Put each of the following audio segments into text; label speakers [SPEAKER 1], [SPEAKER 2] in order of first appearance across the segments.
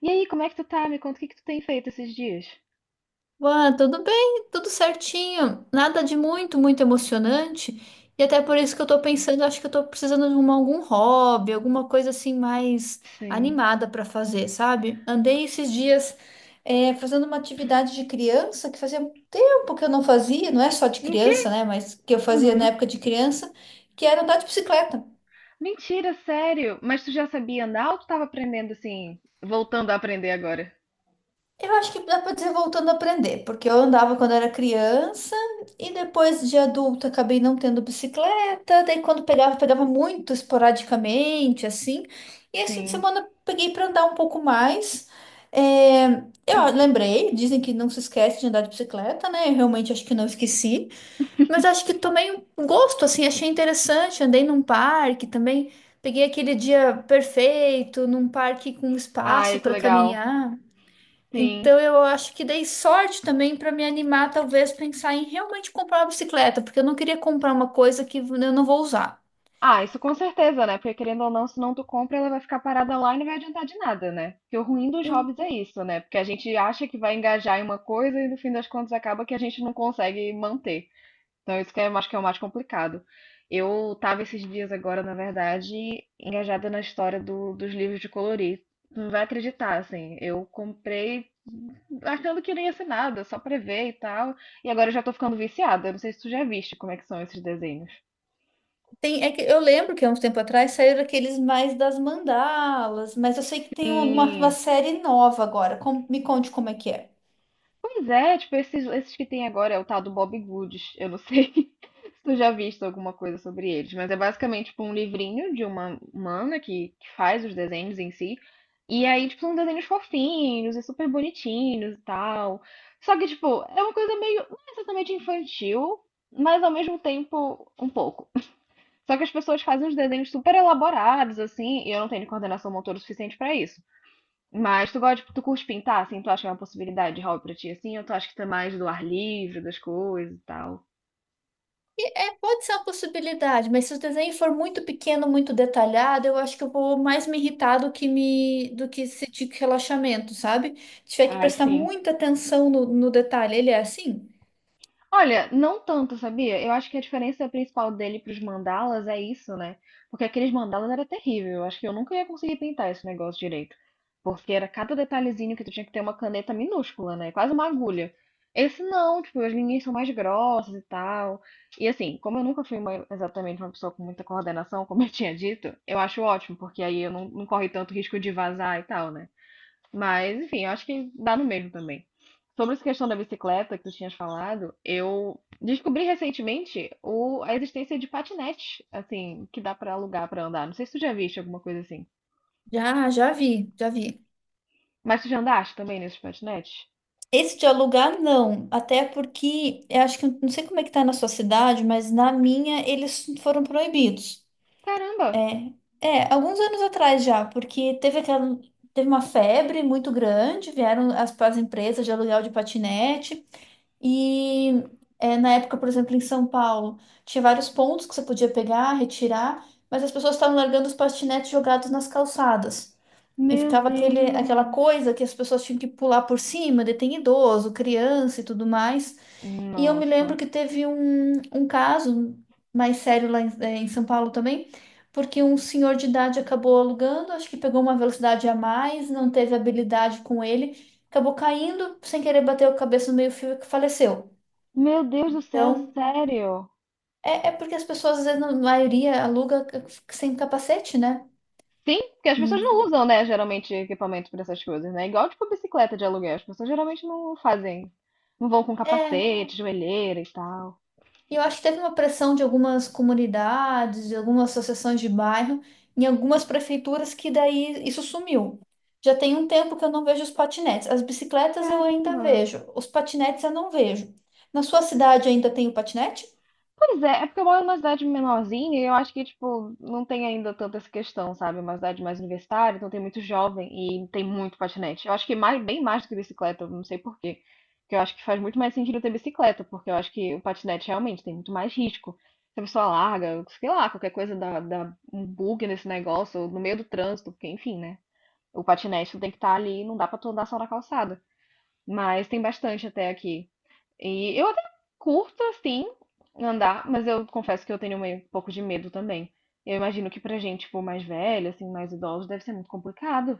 [SPEAKER 1] E aí, como é que tu tá? Me conta o que que tu tem feito esses dias.
[SPEAKER 2] Ué, tudo bem, tudo certinho. Nada de muito emocionante. E até por isso que eu tô pensando, acho que eu tô precisando de algum hobby, alguma coisa assim mais
[SPEAKER 1] Sim.
[SPEAKER 2] animada pra fazer, sabe? Andei esses dias fazendo uma atividade de criança que fazia tempo que eu não fazia, não é só de
[SPEAKER 1] O quê?
[SPEAKER 2] criança, né? Mas que eu fazia
[SPEAKER 1] Uhum.
[SPEAKER 2] na época de criança, que era andar de bicicleta.
[SPEAKER 1] Mentira, sério? Mas tu já sabia andar ou tu tava aprendendo assim, voltando a aprender agora?
[SPEAKER 2] Eu acho que dá para dizer voltando a aprender, porque eu andava quando era criança e depois de adulta acabei não tendo bicicleta, daí quando pegava muito esporadicamente, assim. E esse fim de
[SPEAKER 1] Sim.
[SPEAKER 2] semana peguei para andar um pouco mais. É, eu lembrei, dizem que não se esquece de andar de bicicleta, né? Eu realmente acho que não esqueci, mas acho que tomei um gosto, assim, achei interessante. Andei num parque também, peguei aquele dia perfeito, num parque com espaço
[SPEAKER 1] Ai, que
[SPEAKER 2] para
[SPEAKER 1] legal.
[SPEAKER 2] caminhar.
[SPEAKER 1] Sim.
[SPEAKER 2] Então eu acho que dei sorte também para me animar, talvez pensar em realmente comprar uma bicicleta, porque eu não queria comprar uma coisa que eu não vou usar.
[SPEAKER 1] Ah, isso com certeza, né? Porque querendo ou não, se não tu compra, ela vai ficar parada lá e não vai adiantar de nada, né? Porque o ruim dos hobbies é isso, né? Porque a gente acha que vai engajar em uma coisa e no fim das contas acaba que a gente não consegue manter. Então, isso que eu acho que é o mais complicado. Eu estava esses dias agora, na verdade, engajada na história dos livros de colorir. Tu não vai acreditar, assim. Eu comprei achando que não ia ser nada, só pra ver e tal. E agora eu já tô ficando viciada. Eu não sei se tu já viste como é que são esses desenhos.
[SPEAKER 2] Tem, é que eu lembro que há uns tempo atrás saíram aqueles mais das mandalas, mas eu sei que tem uma
[SPEAKER 1] E
[SPEAKER 2] série nova agora. Me conte como é que é.
[SPEAKER 1] Pois é, tipo, esses que tem agora é o tal do Bob Goods. Eu não sei se tu já viste alguma coisa sobre eles, mas é basicamente tipo, um livrinho de uma mana que faz os desenhos em si. E aí, tipo, são desenhos fofinhos e super bonitinhos e tal. Só que, tipo, é uma coisa meio, não é exatamente infantil, mas ao mesmo tempo um pouco. Só que as pessoas fazem uns desenhos super elaborados, assim, e eu não tenho coordenação motora suficiente pra isso. Mas tu gosta, tu curte pintar, assim? Tu acha que é uma possibilidade de hobby pra ti, assim? Ou tu acha que tá mais do ar livre, das coisas e tal?
[SPEAKER 2] É, pode ser uma possibilidade, mas se o desenho for muito pequeno, muito detalhado, eu acho que eu vou mais me irritar do que sentir relaxamento, sabe? Tiver que
[SPEAKER 1] Ai,
[SPEAKER 2] prestar
[SPEAKER 1] sim.
[SPEAKER 2] muita atenção no detalhe. Ele é assim?
[SPEAKER 1] Olha, não tanto, sabia? Eu acho que a diferença principal dele para os mandalas é isso, né? Porque aqueles mandalas era terrível. Eu acho que eu nunca ia conseguir pintar esse negócio direito. Porque era cada detalhezinho que tu tinha que ter uma caneta minúscula, né? Quase uma agulha. Esse não, tipo, as linhas são mais grossas e tal. E assim, como eu nunca fui exatamente uma pessoa com muita coordenação, como eu tinha dito, eu acho ótimo, porque aí eu não corre tanto risco de vazar e tal, né? Mas, enfim, eu acho que dá no mesmo também. Sobre essa questão da bicicleta que tu tinhas falado, eu descobri recentemente a existência de patinete, assim, que dá pra alugar pra andar. Não sei se tu já viste alguma coisa assim.
[SPEAKER 2] Já vi.
[SPEAKER 1] Mas tu já andaste também nesses patinetes?
[SPEAKER 2] Esse de alugar, não. Até porque, eu acho que, não sei como é que tá na sua cidade, mas na minha eles foram proibidos.
[SPEAKER 1] Caramba!
[SPEAKER 2] É, Alguns anos atrás já, porque teve uma febre muito grande, vieram as empresas de aluguel de patinete e na época, por exemplo, em São Paulo, tinha vários pontos que você podia pegar, retirar, mas as pessoas estavam largando os patinetes jogados nas calçadas. E
[SPEAKER 1] Meu
[SPEAKER 2] ficava aquela
[SPEAKER 1] Deus!
[SPEAKER 2] coisa que as pessoas tinham que pular por cima, daí tem idoso, criança e tudo mais. E eu me lembro
[SPEAKER 1] Nossa!
[SPEAKER 2] que teve um caso mais sério lá em, em São Paulo também, porque um senhor de idade acabou alugando, acho que pegou uma velocidade a mais, não teve habilidade com ele, acabou caindo, sem querer bateu a cabeça no meio-fio e faleceu.
[SPEAKER 1] Meu Deus do céu,
[SPEAKER 2] Então,
[SPEAKER 1] sério?
[SPEAKER 2] é porque as pessoas, às vezes, na maioria, sem capacete, né?
[SPEAKER 1] Sim, porque as pessoas
[SPEAKER 2] Sim.
[SPEAKER 1] não usam, né, geralmente equipamento pra essas coisas, né? Igual tipo bicicleta de aluguel, as pessoas geralmente não fazem, não vão com
[SPEAKER 2] É,
[SPEAKER 1] capacete, joelheira e tal.
[SPEAKER 2] e eu acho que teve uma pressão de algumas comunidades, de algumas associações de bairro, em algumas prefeituras que daí isso sumiu. Já tem um tempo que eu não vejo os patinetes. As bicicletas eu ainda
[SPEAKER 1] Caramba.
[SPEAKER 2] vejo, os patinetes eu não vejo. Na sua cidade ainda tem o patinete?
[SPEAKER 1] Pois é, é porque eu moro numa cidade menorzinha e eu acho que, tipo, não tem ainda tanta essa questão, sabe? É uma cidade mais universitária, então tem muito jovem e tem muito patinete. Eu acho que mais, bem mais do que bicicleta, eu não sei por quê. Porque eu acho que faz muito mais sentido ter bicicleta, porque eu acho que o patinete realmente tem muito mais risco. Se a pessoa larga, sei lá, qualquer coisa dá um bug nesse negócio, ou no meio do trânsito, porque enfim, né? O patinete tu tem que estar ali, não dá pra tu andar só na calçada. Mas tem bastante até aqui. E eu até curto, assim, andar, mas eu confesso que eu tenho meio, um pouco de medo também. Eu imagino que pra gente, tipo, mais velha, assim, mais idosos, deve ser muito complicado.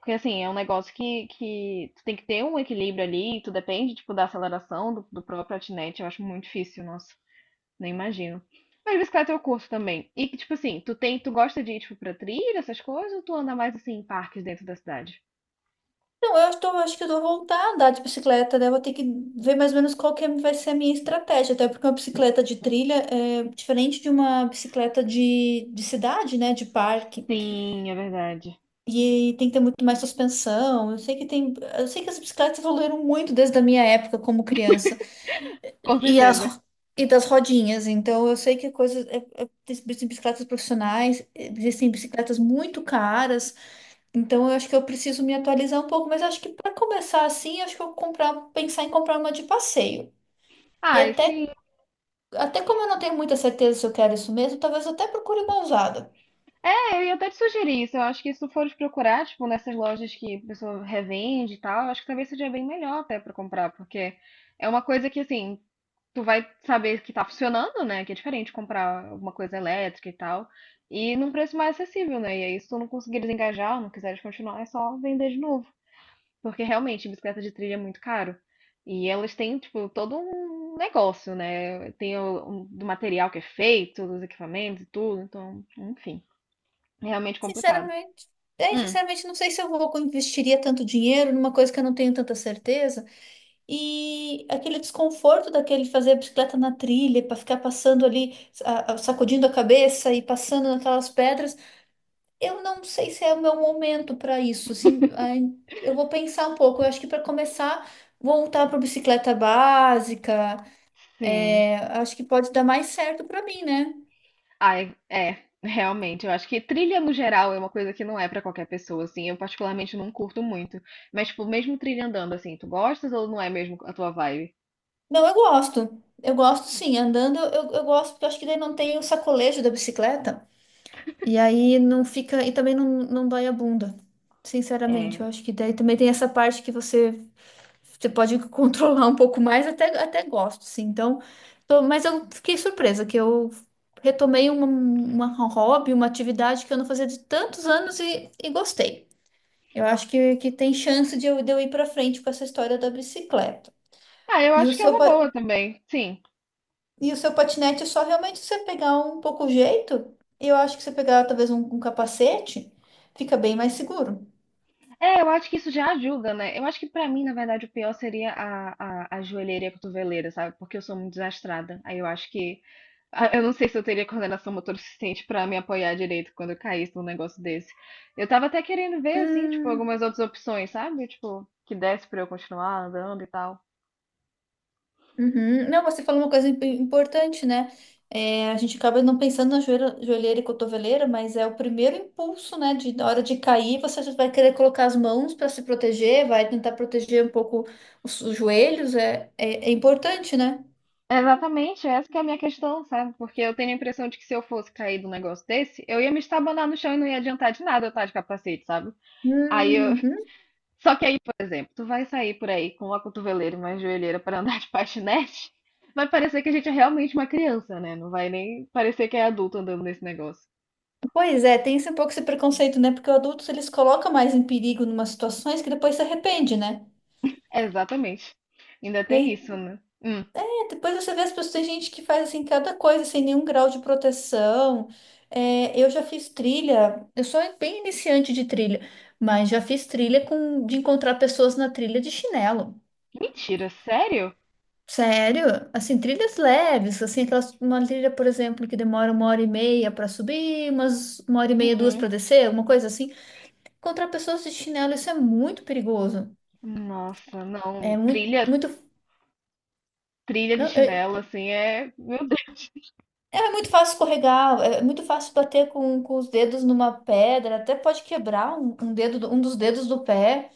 [SPEAKER 1] Porque, assim, é um negócio que tu tem que ter um equilíbrio ali, tu depende, tipo, da aceleração do próprio patinete. Eu acho muito difícil, nossa, nem imagino. Mas bicicleta eu curto também. E, que, tipo assim, tu gosta de ir, tipo, pra trilha, essas coisas, ou tu anda mais, assim, em parques dentro da cidade?
[SPEAKER 2] Não, eu estou, acho que eu vou voltar a andar de bicicleta, né? Eu vou ter que ver mais ou menos qual que vai ser a minha estratégia, até porque uma bicicleta de trilha é diferente de uma bicicleta de cidade, né? De parque.
[SPEAKER 1] Sim, é verdade.
[SPEAKER 2] E tem que ter muito mais suspensão. Eu sei que tem, eu sei que as bicicletas evoluíram muito desde a minha época como criança.
[SPEAKER 1] Com
[SPEAKER 2] E
[SPEAKER 1] certeza.
[SPEAKER 2] das rodinhas. Então eu sei que existem bicicletas profissionais, existem bicicletas muito caras. Então eu acho que eu preciso me atualizar um pouco, mas acho que para começar assim, acho que eu vou comprar, pensar em comprar uma de passeio. E
[SPEAKER 1] Ah,
[SPEAKER 2] até
[SPEAKER 1] e
[SPEAKER 2] até como eu não tenho muita certeza se eu quero isso mesmo, talvez eu até procure uma usada.
[SPEAKER 1] É, eu ia até te sugerir isso. Eu acho que se tu fores procurar, tipo, nessas lojas que a pessoa revende e tal, eu acho que talvez seja bem melhor até pra comprar, porque é uma coisa que, assim, tu vai saber que tá funcionando, né? Que é diferente comprar alguma coisa elétrica e tal, e num preço mais acessível, né? E aí, se tu não conseguir desengajar não quiseres continuar, é só vender de novo. Porque realmente, bicicleta de trilha é muito caro. E elas têm, tipo, todo um negócio, né? Tem do material que é feito, dos equipamentos e tudo, então, enfim, é realmente complicado.
[SPEAKER 2] Sinceramente,
[SPEAKER 1] Hum,
[SPEAKER 2] não sei se eu vou investiria tanto dinheiro numa coisa que eu não tenho tanta certeza. E aquele desconforto daquele fazer a bicicleta na trilha, para ficar passando ali, sacudindo a cabeça e passando naquelas pedras, eu não sei se é o meu momento para isso. Assim, ai, eu vou pensar um pouco. Eu acho que para começar, voltar para bicicleta básica,
[SPEAKER 1] sim.
[SPEAKER 2] acho que pode dar mais certo para mim, né?
[SPEAKER 1] Ai, é, realmente, eu acho que trilha no geral é uma coisa que não é pra qualquer pessoa, assim. Eu particularmente não curto muito. Mas, tipo, mesmo trilha andando, assim, tu gostas ou não é mesmo a tua vibe?
[SPEAKER 2] Não, eu gosto. Eu gosto sim. Andando eu gosto, porque eu acho que daí não tem o sacolejo da bicicleta. E aí não fica. E também não dói a bunda. Sinceramente, eu
[SPEAKER 1] É.
[SPEAKER 2] acho que daí também tem essa parte que você, você pode controlar um pouco mais, até gosto, sim. Então, mas eu fiquei surpresa que eu retomei uma hobby, uma atividade que eu não fazia de tantos anos e gostei. Eu acho que tem chance de eu ir para frente com essa história da bicicleta.
[SPEAKER 1] Ah, eu
[SPEAKER 2] E o
[SPEAKER 1] acho que é
[SPEAKER 2] seu.
[SPEAKER 1] uma boa também, sim.
[SPEAKER 2] E o seu patinete é só realmente você pegar um pouco o jeito. Eu acho que você pegar talvez um capacete, fica bem mais seguro.
[SPEAKER 1] É, eu acho que isso já ajuda, né? Eu acho que pra mim, na verdade, o pior seria a joelheira e a cotoveleira, sabe? Porque eu sou muito desastrada. Aí eu acho que, eu não sei se eu teria coordenação motora suficiente pra me apoiar direito quando eu caísse num negócio desse. Eu tava até querendo ver, assim, tipo,
[SPEAKER 2] Hum,
[SPEAKER 1] algumas outras opções, sabe? Tipo, que desse pra eu continuar andando e tal.
[SPEAKER 2] uhum. Não, você falou uma coisa importante, né? É, a gente acaba não pensando na joelheira, joelheira e cotoveleira, mas é o primeiro impulso, né? De, na hora de cair, você já vai querer colocar as mãos para se proteger, vai tentar proteger um pouco os joelhos. É importante, né?
[SPEAKER 1] É, exatamente, essa que é a minha questão, sabe? Porque eu tenho a impressão de que se eu fosse cair num negócio desse, eu ia me estabanar no chão e não ia adiantar de nada eu estar de capacete, sabe? Aí eu.
[SPEAKER 2] Hum,
[SPEAKER 1] Só que aí, por exemplo, tu vai sair por aí com uma cotoveleira e uma joelheira pra andar de patinete, vai parecer que a gente é realmente uma criança, né? Não vai nem parecer que é adulto andando nesse negócio.
[SPEAKER 2] pois é, tem esse um pouco esse preconceito, né? Porque os adultos eles colocam mais em perigo em umas situações que depois se arrepende, né?
[SPEAKER 1] Exatamente. Ainda tem
[SPEAKER 2] Daí,
[SPEAKER 1] isso, né?
[SPEAKER 2] depois você vê as pessoas, tem gente que faz assim cada coisa sem nenhum grau de proteção. É, eu já fiz trilha, eu sou bem iniciante de trilha, mas já fiz trilha com de encontrar pessoas na trilha de chinelo.
[SPEAKER 1] Mentira, sério?
[SPEAKER 2] Sério? Assim, trilhas leves, assim, aquelas, uma trilha, por exemplo, que demora uma hora e meia para subir, umas uma hora e meia, duas
[SPEAKER 1] Uhum.
[SPEAKER 2] para descer, uma coisa assim. Encontrar pessoas de chinelo, isso é muito perigoso.
[SPEAKER 1] Nossa, não.
[SPEAKER 2] É muito,
[SPEAKER 1] Trilha,
[SPEAKER 2] muito,
[SPEAKER 1] trilha de
[SPEAKER 2] não, é,
[SPEAKER 1] chinelo, assim, é. Meu
[SPEAKER 2] é muito fácil escorregar, é muito fácil bater com os dedos numa pedra, até pode quebrar um dedo, um dos dedos do pé,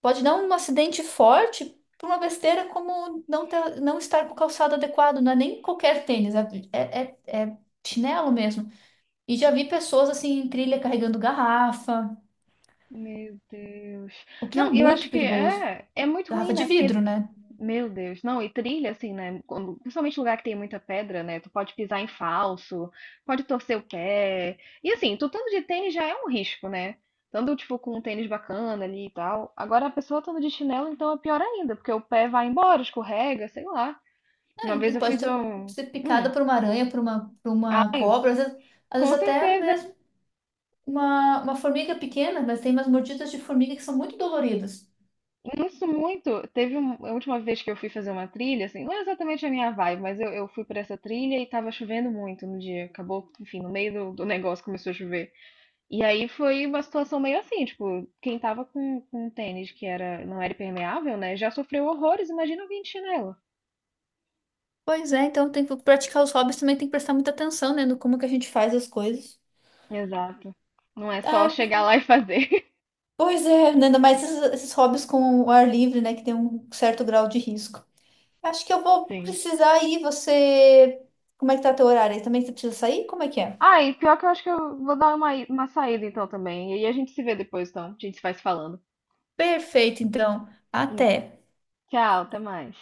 [SPEAKER 2] pode dar um acidente forte por uma besteira como não ter, não estar com o calçado adequado, não é nem qualquer tênis, é chinelo mesmo. E já vi pessoas assim em trilha carregando garrafa,
[SPEAKER 1] Meu Deus.
[SPEAKER 2] o que é
[SPEAKER 1] Não, eu
[SPEAKER 2] muito
[SPEAKER 1] acho que
[SPEAKER 2] perigoso.
[SPEAKER 1] é muito ruim,
[SPEAKER 2] Garrafa de
[SPEAKER 1] né? Porque,
[SPEAKER 2] vidro, né?
[SPEAKER 1] meu Deus, não, e trilha, assim, né? Quando, principalmente lugar que tem muita pedra, né? Tu pode pisar em falso, pode torcer o pé. E assim, tu estando de tênis já é um risco, né? Tanto tipo, com um tênis bacana ali e tal. Agora a pessoa estando de chinelo, então é pior ainda, porque o pé vai embora, escorrega, sei lá.
[SPEAKER 2] Ah,
[SPEAKER 1] Uma
[SPEAKER 2] E
[SPEAKER 1] vez
[SPEAKER 2] e
[SPEAKER 1] eu
[SPEAKER 2] pode
[SPEAKER 1] fiz um.
[SPEAKER 2] ser
[SPEAKER 1] Hum,
[SPEAKER 2] picada por uma aranha, por por uma
[SPEAKER 1] ai,
[SPEAKER 2] cobra, às
[SPEAKER 1] com
[SPEAKER 2] vezes até
[SPEAKER 1] certeza.
[SPEAKER 2] mesmo uma formiga pequena, mas tem umas mordidas de formiga que são muito doloridas.
[SPEAKER 1] Isso muito. Teve a última vez que eu fui fazer uma trilha, assim, não é exatamente a minha vibe, mas eu fui pra essa trilha e tava chovendo muito no dia. Acabou, enfim, no meio do negócio começou a chover. E aí foi uma situação meio assim, tipo, quem tava com um tênis que era, não era impermeável, né, já sofreu horrores, imagina alguém de chinelo.
[SPEAKER 2] Pois é, então tem que praticar os hobbies também tem que prestar muita atenção, né, no como que a gente faz as coisas.
[SPEAKER 1] Exato. Não é só
[SPEAKER 2] Ah,
[SPEAKER 1] chegar lá e fazer.
[SPEAKER 2] pois é, né, ainda mais esses hobbies com o ar livre, né, que tem um certo grau de risco. Acho que eu vou
[SPEAKER 1] Sim.
[SPEAKER 2] precisar ir, você... Como é que tá teu horário aí? Também você precisa sair? Como é que é?
[SPEAKER 1] Ah, e pior que eu acho que eu vou dar uma saída então também. E aí a gente se vê depois, então. A gente se vai se falando.
[SPEAKER 2] Perfeito, então.
[SPEAKER 1] Hum.
[SPEAKER 2] Até.
[SPEAKER 1] Tchau, até mais.